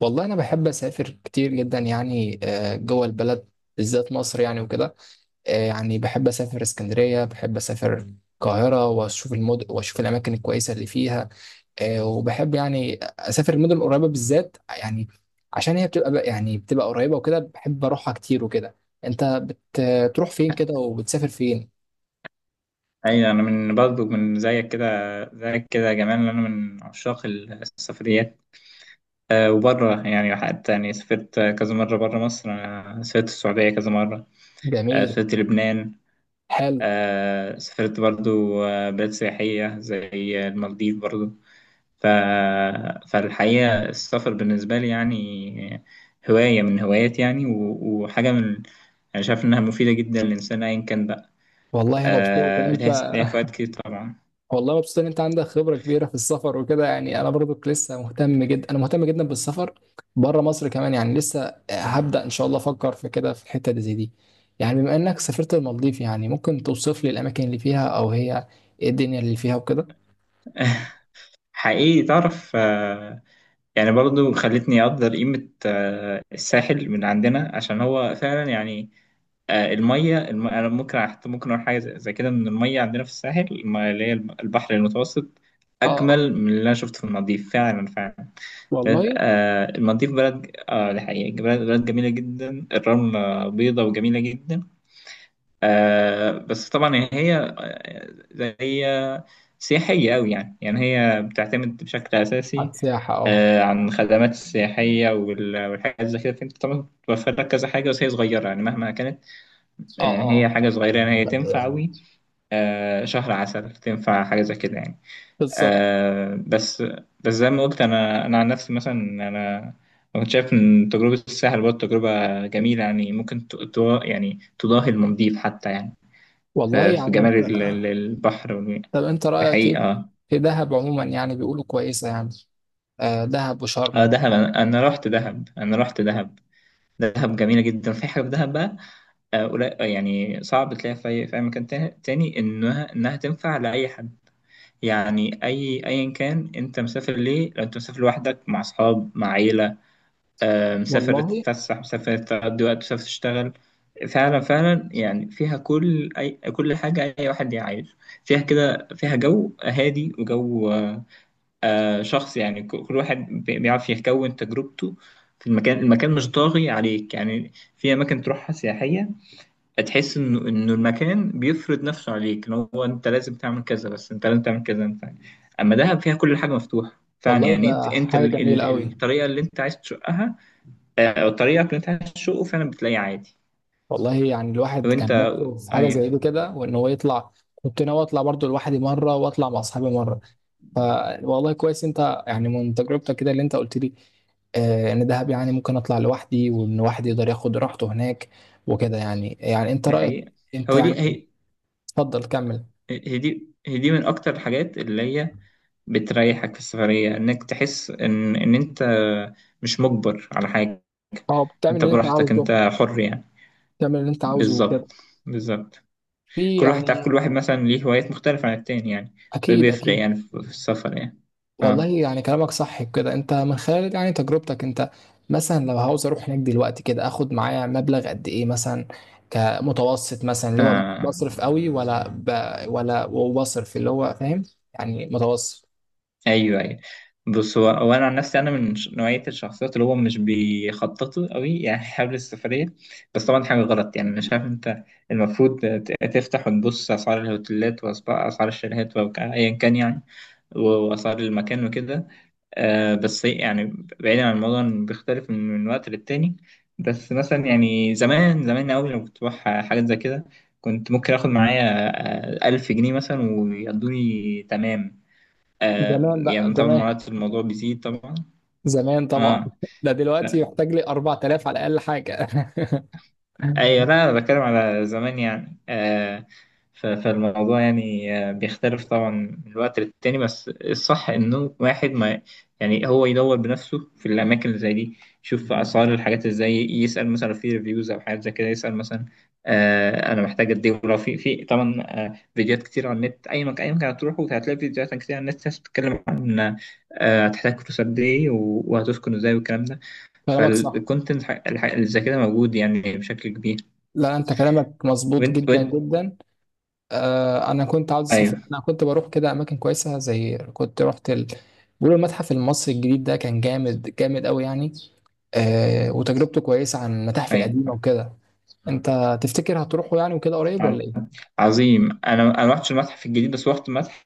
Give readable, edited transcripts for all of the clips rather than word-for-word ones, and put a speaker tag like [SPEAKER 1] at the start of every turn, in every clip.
[SPEAKER 1] والله انا بحب اسافر كتير جدا يعني آه، جوه البلد بالذات مصر يعني وكده. آه، يعني بحب اسافر اسكندريه، بحب اسافر القاهره واشوف المدن واشوف الاماكن الكويسه اللي فيها. آه، وبحب يعني اسافر المدن القريبه بالذات، يعني عشان هي بتبقى يعني بتبقى قريبه وكده، بحب اروحها كتير وكده. انت بتروح فين كده وبتسافر فين؟
[SPEAKER 2] ايوه، انا من زيك كده يا جمال. انا من عشاق السفريات. وبره يعني حتى يعني سافرت كذا مره بره مصر. انا سافرت السعوديه كذا مره.
[SPEAKER 1] جميل.
[SPEAKER 2] سافرت لبنان.
[SPEAKER 1] حلو.
[SPEAKER 2] سافرت برضه بلاد سياحيه زي المالديف برضه. ف... فالحقيقه السفر بالنسبه لي يعني هوايه من هواياتي يعني وحاجه من، انا شايف انها مفيده جدا للانسان ايا كان بقى.
[SPEAKER 1] والله يا مبسوط ان
[SPEAKER 2] ليها
[SPEAKER 1] انت،
[SPEAKER 2] ليها فوائد كتير طبعا.
[SPEAKER 1] والله مبسوط ان انت عندك خبره كبيره في السفر وكده، يعني انا برضك لسه مهتم جدا، انا مهتم جدا بالسفر بره مصر كمان، يعني لسه هبدا ان شاء الله افكر في كده في الحته دي زي دي. يعني بما انك سافرت المالديف، يعني ممكن توصف لي الاماكن اللي فيها او هي ايه الدنيا اللي فيها وكده؟
[SPEAKER 2] حقيقي تعرف. يعني برضو خلتني أقدر قيمة الساحل من عندنا عشان هو فعلا يعني المية. أنا ممكن حتى ممكن أقول حاجة زي كده إن المية عندنا في الساحل البحر المتوسط
[SPEAKER 1] اه اه.
[SPEAKER 2] أجمل من اللي أنا شفته في المالديف فعلا فعلا.
[SPEAKER 1] والله.
[SPEAKER 2] المالديف بلد آه دي حقيقة بلد جميلة جدا، الرملة بيضة وجميلة جدا. بس طبعا هي آه، زي هي سياحية أوي، يعني يعني هي بتعتمد بشكل
[SPEAKER 1] على
[SPEAKER 2] أساسي
[SPEAKER 1] السياحه اه.
[SPEAKER 2] عن خدمات السياحية والحاجات زي كده. فأنت طبعا بتوفر لك كذا حاجة بس هي صغيرة يعني مهما كانت،
[SPEAKER 1] اه
[SPEAKER 2] يعني هي
[SPEAKER 1] اه.
[SPEAKER 2] حاجة صغيرة يعني هي تنفع أوي شهر عسل. تنفع حاجة زي كده يعني
[SPEAKER 1] بالظبط.
[SPEAKER 2] بس. بس زي ما قلت، أنا عن نفسي مثلا، أنا كنت شايف إن تجربة الساحل برضه تجربة جميلة، يعني ممكن يعني تضاهي المالديف حتى يعني
[SPEAKER 1] والله
[SPEAKER 2] في
[SPEAKER 1] يعني
[SPEAKER 2] جمال
[SPEAKER 1] انت،
[SPEAKER 2] البحر
[SPEAKER 1] طب انت رايك
[SPEAKER 2] الحقيقة
[SPEAKER 1] ايه في دهب عموما؟ يعني بيقولوا كويسه يعني، آه دهب وشرم.
[SPEAKER 2] دهب. أنا رحت دهب. دهب جميلة جدا. في حاجة في دهب بقى يعني صعب تلاقيها في أي مكان تاني. إنها تنفع لأي حد، يعني أي أيا كان أنت مسافر ليه، لو أنت مسافر لوحدك، مع أصحاب، مع عيلة، مسافر
[SPEAKER 1] والله.
[SPEAKER 2] تتفسح، مسافر تقضي وقت، مسافر تشتغل. فعلا فعلا يعني فيها كل أي كل حاجة. أي واحد يعيش فيها كده، فيها جو هادي وجو شخص يعني كل واحد بيعرف يكون تجربته في المكان. المكان مش طاغي عليك. يعني في أماكن تروحها سياحية تحس انه المكان بيفرض نفسه عليك ان هو انت لازم تعمل كذا، بس انت لازم تعمل كذا انت. اما دهب فيها كل حاجه مفتوحه فعلا،
[SPEAKER 1] والله
[SPEAKER 2] يعني انت
[SPEAKER 1] ده
[SPEAKER 2] انت
[SPEAKER 1] حاجه
[SPEAKER 2] ال
[SPEAKER 1] جميله
[SPEAKER 2] ال
[SPEAKER 1] قوي.
[SPEAKER 2] الطريقه اللي انت عايز تشقها او طريقك اللي انت عايز تشقه فعلا بتلاقيه عادي.
[SPEAKER 1] والله يعني الواحد
[SPEAKER 2] وانت
[SPEAKER 1] كان نفسه في حاجه زي
[SPEAKER 2] ايوه.
[SPEAKER 1] دي كده، وان هو يطلع. كنت ناوي اطلع برضو لوحدي مره واطلع مع اصحابي مره. فوالله كويس انت يعني من تجربتك كده اللي انت قلت لي، آه ان دهب يعني ممكن اطلع لوحدي، وان واحد يقدر ياخد راحته هناك وكده. يعني يعني انت
[SPEAKER 2] دي
[SPEAKER 1] رايك
[SPEAKER 2] حقيقه.
[SPEAKER 1] انت
[SPEAKER 2] هو دي
[SPEAKER 1] يعني،
[SPEAKER 2] هي
[SPEAKER 1] اتفضل كمل.
[SPEAKER 2] هي دي من اكتر الحاجات اللي هي بتريحك في السفريه، انك تحس ان انت مش مجبر على حاجه.
[SPEAKER 1] اه، بتعمل
[SPEAKER 2] انت
[SPEAKER 1] اللي انت
[SPEAKER 2] براحتك،
[SPEAKER 1] عاوزه.
[SPEAKER 2] انت حر يعني.
[SPEAKER 1] بتعمل اللي انت عاوزه وكده.
[SPEAKER 2] بالظبط بالظبط.
[SPEAKER 1] في
[SPEAKER 2] كل واحد، تعرف،
[SPEAKER 1] يعني.
[SPEAKER 2] كل واحد مثلا ليه هوايات مختلفة عن التاني يعني.
[SPEAKER 1] اكيد
[SPEAKER 2] فبيفرق
[SPEAKER 1] اكيد.
[SPEAKER 2] يعني في السفر يعني.
[SPEAKER 1] والله
[SPEAKER 2] اه
[SPEAKER 1] يعني كلامك صح كده. انت من خلال يعني تجربتك انت، مثلا لو عاوز اروح هناك دلوقتي كده، اخد معايا مبلغ قد ايه مثلا؟ كمتوسط مثلا، اللي هو مش
[SPEAKER 2] اه،
[SPEAKER 1] بصرف قوي ولا ولا وبصرف، اللي هو فاهم يعني متوسط.
[SPEAKER 2] ايوه ايوه. بص، هو انا عن نفسي انا من نوعية الشخصيات اللي هو مش بيخططوا قوي يعني حابب السفرية. بس طبعا حاجة غلط يعني، انا شايف انت المفروض تفتح وتبص اسعار الهوتيلات واسعار الشاليهات وايا كان يعني واسعار المكان وكده بس يعني، بعيدا عن الموضوع، إن بيختلف من وقت للتاني. بس مثلا يعني زمان أوي لما كنت بروح حاجات زي كده كنت ممكن آخد معايا ألف جنيه مثلا ويقضوني تمام.
[SPEAKER 1] زمان بقى
[SPEAKER 2] يعني طبعا
[SPEAKER 1] زمان.
[SPEAKER 2] مرات الموضوع بيزيد طبعا.
[SPEAKER 1] زمان طبعا
[SPEAKER 2] اه
[SPEAKER 1] ده دلوقتي يحتاج لي 4000 على الاقل حاجة.
[SPEAKER 2] ايوه. لا انا بتكلم على زمان يعني فالموضوع يعني بيختلف طبعا من الوقت للتاني، بس الصح انه واحد ما، يعني هو يدور بنفسه في الاماكن اللي زي دي، يشوف اسعار الحاجات ازاي، يسال مثلا في ريفيوز او حاجات زي كده. يسال مثلا انا محتاج قد ايه، ولو في طبعا فيديوهات كتير على النت. اي مكان هتروحه هتلاقي فيديوهات كتير على النت، ناس بتتكلم عن هتحتاج فلوس قد ايه وهتسكن ازاي والكلام ده.
[SPEAKER 1] كلامك صح.
[SPEAKER 2] فالكونتنت اللي زي كده موجود يعني بشكل كبير.
[SPEAKER 1] لا انت كلامك مظبوط
[SPEAKER 2] وانت
[SPEAKER 1] جدا
[SPEAKER 2] وانت
[SPEAKER 1] جدا. آه، انا كنت عاوز اسافر،
[SPEAKER 2] ايوه
[SPEAKER 1] انا كنت بروح كده اماكن كويسه، زي كنت رحت بيقولوا المتحف المصري الجديد ده كان جامد جامد قوي يعني. آه، وتجربته كويسه عن المتاحف القديمه
[SPEAKER 2] ايوه
[SPEAKER 1] وكده. انت تفتكر هتروحوا يعني وكده قريب
[SPEAKER 2] ع-
[SPEAKER 1] ولا ايه؟
[SPEAKER 2] عظيم. انا ما رحتش المتحف الجديد بس رحت متحف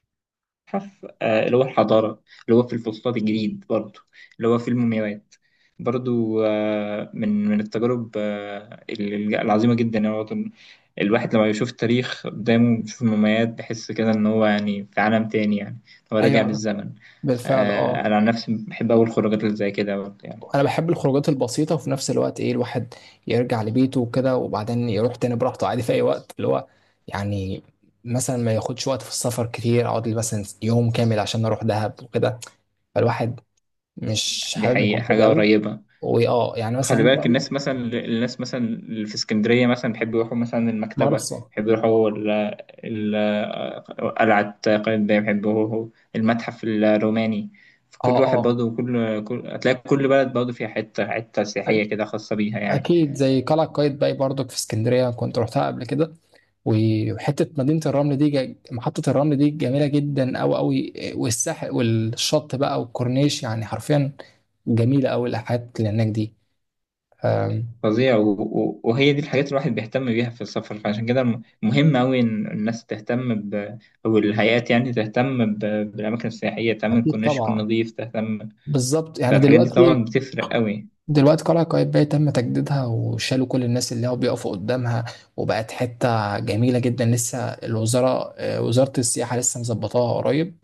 [SPEAKER 2] اللي هو الحضاره، اللي هو في الفسطاط الجديد برضو، اللي هو في المومياوات برضو. من التجارب العظيمه جدا يعني برضو. الواحد لما بيشوف التاريخ قدامه، بيشوف المومياوات، بيحس كده ان هو يعني في عالم تاني، يعني هو راجع
[SPEAKER 1] ايوه.
[SPEAKER 2] بالزمن.
[SPEAKER 1] بالفعل اه.
[SPEAKER 2] انا عن نفسي بحب اول خروجات اللي زي كده برضو يعني.
[SPEAKER 1] انا بحب الخروجات البسيطه، وفي نفس الوقت ايه، الواحد يرجع لبيته وكده، وبعدين يروح تاني براحته عادي في اي وقت اللي هو يعني. مثلا ما ياخدش وقت في السفر كتير، اقعد لي مثلا يوم كامل عشان اروح دهب وكده. فالواحد مش
[SPEAKER 2] دي
[SPEAKER 1] حابب
[SPEAKER 2] حقيقه
[SPEAKER 1] الحته ده
[SPEAKER 2] حاجه
[SPEAKER 1] قوي.
[SPEAKER 2] قريبه.
[SPEAKER 1] واه يعني مثلا
[SPEAKER 2] خلي
[SPEAKER 1] ممكن
[SPEAKER 2] بالك،
[SPEAKER 1] اقول
[SPEAKER 2] الناس
[SPEAKER 1] لك.
[SPEAKER 2] مثلا، الناس مثلا اللي في اسكندرية مثلا بيحبوا يروحوا مثلا المكتبة،
[SPEAKER 1] مرسى اه.
[SPEAKER 2] بيحبوا يروحوا قلعة قايتباي، بيحبوا يروحوا المتحف الروماني. فكل واحد
[SPEAKER 1] اه.
[SPEAKER 2] برضه، كل كل هتلاقي كل بلد برضه فيها حتة
[SPEAKER 1] أ-
[SPEAKER 2] سياحية كده خاصة بيها يعني.
[SPEAKER 1] اكيد زي قلعه قايتباي برضك في اسكندريه، كنت رحتها قبل كده. وحته مدينه الرمل دي، محطه الرمل دي جميله جدا قوي قوي، والساحل والشط بقى والكورنيش، يعني حرفيا جميله قوي الحاجات اللي هناك دي. أم،
[SPEAKER 2] فظيع وهي دي الحاجات اللي الواحد بيهتم بيها في السفر. فعشان كده مهم أوي إن الناس تهتم ب...، أو الهيئات يعني تهتم ب... بالأماكن السياحية، تهتم
[SPEAKER 1] اكيد
[SPEAKER 2] الكورنيش يكون
[SPEAKER 1] طبعا.
[SPEAKER 2] نظيف، تهتم.
[SPEAKER 1] بالظبط. يعني
[SPEAKER 2] فالحاجات دي طبعا
[SPEAKER 1] دلوقتي،
[SPEAKER 2] بتفرق أوي.
[SPEAKER 1] دلوقتي قلعة قايتباي تم تجديدها، وشالوا كل الناس اللي هو بيقفوا قدامها، وبقت حتة جميلة جدا. لسه الوزارة آه، وزارة السياحة لسه مظبطاها قريب.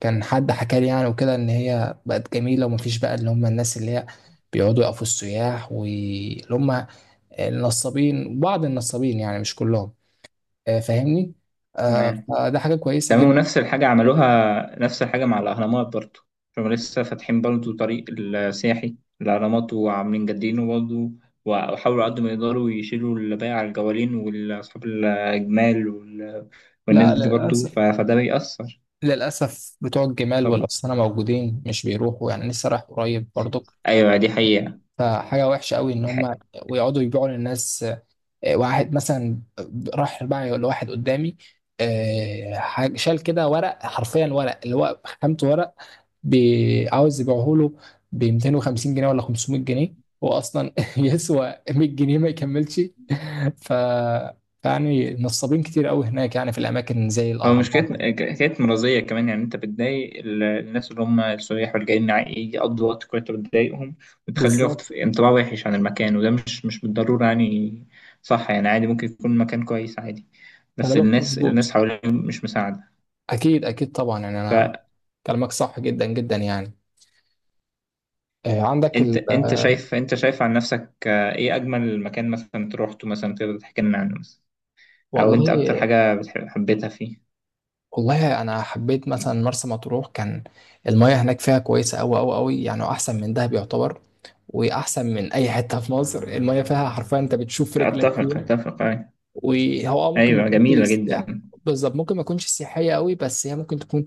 [SPEAKER 1] كان حد حكى لي يعني وكده إن هي بقت جميلة، ومفيش بقى اللي هم الناس اللي هي بيقعدوا يقفوا السياح، واللي هم النصابين، بعض النصابين يعني مش كلهم. آه، فاهمني؟ آه،
[SPEAKER 2] تمام
[SPEAKER 1] فده حاجة كويسة
[SPEAKER 2] تمام،
[SPEAKER 1] جدا.
[SPEAKER 2] ونفس الحاجة عملوها نفس الحاجة مع الأهرامات برضو. هم لسه فاتحين برضو طريق السياحي الأهرامات، وعاملين جادينه برضو. وحاولوا قد ما يقدروا يشيلوا اللي بايع على الجوالين والأصحاب الجمال والناس
[SPEAKER 1] لا
[SPEAKER 2] دي برضو.
[SPEAKER 1] للأسف،
[SPEAKER 2] فده بيأثر
[SPEAKER 1] للأسف بتوع الجمال
[SPEAKER 2] طبعا.
[SPEAKER 1] والأسطنة موجودين مش بيروحوا. يعني لسه رايح قريب برضو.
[SPEAKER 2] أيوة دي حقيقة.
[SPEAKER 1] فحاجة وحشة قوي إن
[SPEAKER 2] دي
[SPEAKER 1] هما ويقعدوا يبيعوا للناس. آه، واحد مثلا راح بقى لواحد قدامي، آه شال كده ورق، حرفيا ورق اللي هو خامته ورق، عاوز يبيعه له ب 250 جنيه ولا 500 جنيه، هو أصلا يسوى 100 جنيه ما يكملش. ف يعني نصابين كتير قوي هناك يعني، في الأماكن زي
[SPEAKER 2] هو مش حكاية،
[SPEAKER 1] الأهرامات.
[SPEAKER 2] حكاية مرضية كمان. يعني أنت بتضايق الناس اللي هم السياح واللي جايين يقضوا وقت كويس، أنت بتضايقهم وتخليه ياخد
[SPEAKER 1] بالظبط.
[SPEAKER 2] انطباع وحش عن المكان، وده مش بالضرورة يعني صح. يعني عادي ممكن يكون مكان كويس عادي، بس
[SPEAKER 1] كلامك
[SPEAKER 2] الناس
[SPEAKER 1] مظبوط.
[SPEAKER 2] حواليهم مش مساعدة.
[SPEAKER 1] أكيد أكيد طبعا، يعني أنا
[SPEAKER 2] فأنت،
[SPEAKER 1] كلامك صح جدا جدا يعني. آه، عندك ال.
[SPEAKER 2] أنت شايف عن نفسك إيه أجمل مكان مثلا روحته؟ مثلا تقدر تحكي لنا عنه، مثلا أو أنت أكتر
[SPEAKER 1] والله
[SPEAKER 2] حاجة بتحب حبيتها فيه.
[SPEAKER 1] والله انا حبيت مثلا مرسى مطروح، كان المياه هناك فيها كويسه قوي قوي قوي يعني، احسن من دهب يعتبر، واحسن من اي حته في مصر. المياه فيها حرفيا انت بتشوف رجلك
[SPEAKER 2] أتفق
[SPEAKER 1] فيها.
[SPEAKER 2] أتفق أيوة.
[SPEAKER 1] وهو آه ممكن ما
[SPEAKER 2] أيوة
[SPEAKER 1] تكونش
[SPEAKER 2] جميلة جدا.
[SPEAKER 1] بالظبط، ممكن ما تكونش سياحيه قوي، بس هي ممكن تكون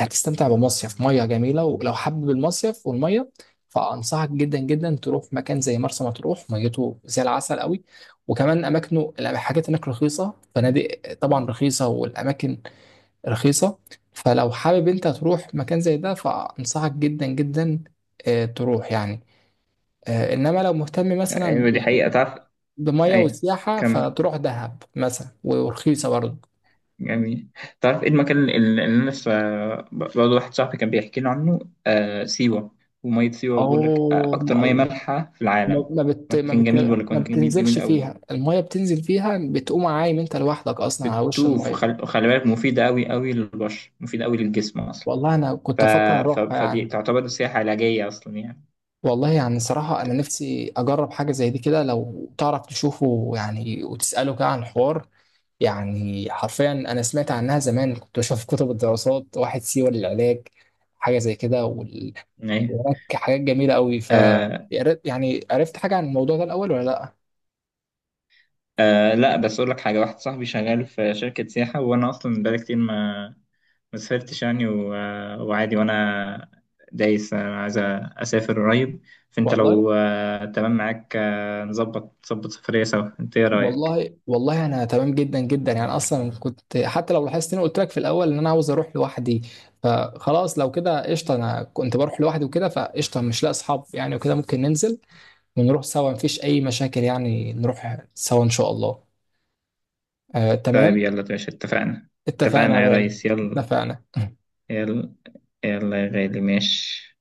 [SPEAKER 1] هتستمتع بمصيف مياه جميله. ولو حابب المصيف والمياه، فانصحك جدا جدا تروح مكان زي مرسى مطروح، ميته زي العسل قوي، وكمان اماكنه الحاجات هناك رخيصه، فنادق طبعا رخيصه والاماكن رخيصة. فلو حابب انت تروح مكان زي ده، فأنصحك جدا جدا آه، تروح يعني. آه، انما لو مهتم مثلا
[SPEAKER 2] أيوة دي حقيقة تعرف.
[SPEAKER 1] بمية
[SPEAKER 2] أيوة
[SPEAKER 1] وسياحة،
[SPEAKER 2] كمل.
[SPEAKER 1] فتروح دهب مثلا، ورخيصة برضه.
[SPEAKER 2] جميل. تعرف ايه المكان اللي انا لسه برضه واحد صاحبي كان بيحكي لي عنه؟ سيوة. ومية سيوة بيقول لك
[SPEAKER 1] او
[SPEAKER 2] أكتر مية
[SPEAKER 1] ما،
[SPEAKER 2] مالحة في العالم.
[SPEAKER 1] ما بت ما
[SPEAKER 2] مكان
[SPEAKER 1] بت
[SPEAKER 2] جميل بيقول لك،
[SPEAKER 1] ما
[SPEAKER 2] مكان جميل جميل
[SPEAKER 1] بتنزلش
[SPEAKER 2] قوي.
[SPEAKER 1] فيها المية، بتنزل فيها بتقوم عايم انت لوحدك اصلا على وش
[SPEAKER 2] بتدوب
[SPEAKER 1] المية.
[SPEAKER 2] وخلي بالك مفيدة قوي قوي للبشر، مفيدة قوي للجسم أصلا.
[SPEAKER 1] والله انا
[SPEAKER 2] ف...
[SPEAKER 1] كنت افكر اروحها
[SPEAKER 2] فدي
[SPEAKER 1] يعني.
[SPEAKER 2] تعتبر سياحة علاجية أصلا يعني.
[SPEAKER 1] والله يعني صراحة أنا نفسي أجرب حاجة زي دي كده. لو تعرف تشوفه يعني وتسأله كده عن الحوار، يعني حرفيا انا سمعت عنها زمان، كنت بشوف كتب الدراسات واحد سيوة للعلاج، حاجه زي كده وال.
[SPEAKER 2] أيوة
[SPEAKER 1] وهناك حاجات جميله قوي ف
[SPEAKER 2] آه
[SPEAKER 1] يعني عرفت حاجه عن الموضوع ده الاول ولا لا؟
[SPEAKER 2] لا، بس أقول لك حاجة. واحد صاحبي شغال في شركة سياحة، وأنا أصلا بقالي كتير ما سافرتش يعني وعادي، وانا دايس. انا عايز اسافر قريب. فانت
[SPEAKER 1] والله.
[SPEAKER 2] لو تمام معاك نظبط سفرية سوا، انت ايه رأيك؟
[SPEAKER 1] والله انا تمام جدا جدا يعني. اصلا كنت، حتى لو لاحظت اني قلت لك في الاول ان انا عاوز اروح لوحدي، فخلاص لو كده قشطه. انا كنت بروح لوحدي وكده، فقشطه مش لاقي اصحاب يعني وكده، ممكن ننزل ونروح سوا، مفيش اي مشاكل يعني، نروح سوا ان شاء الله. آه
[SPEAKER 2] طيب
[SPEAKER 1] تمام.
[SPEAKER 2] يلا يا باشا، اتفقنا.
[SPEAKER 1] اتفقنا يا
[SPEAKER 2] اتفقنا يا
[SPEAKER 1] غالي.
[SPEAKER 2] ريس يلا.
[SPEAKER 1] اتفقنا.
[SPEAKER 2] يلا يلا يا غالي، ماشي.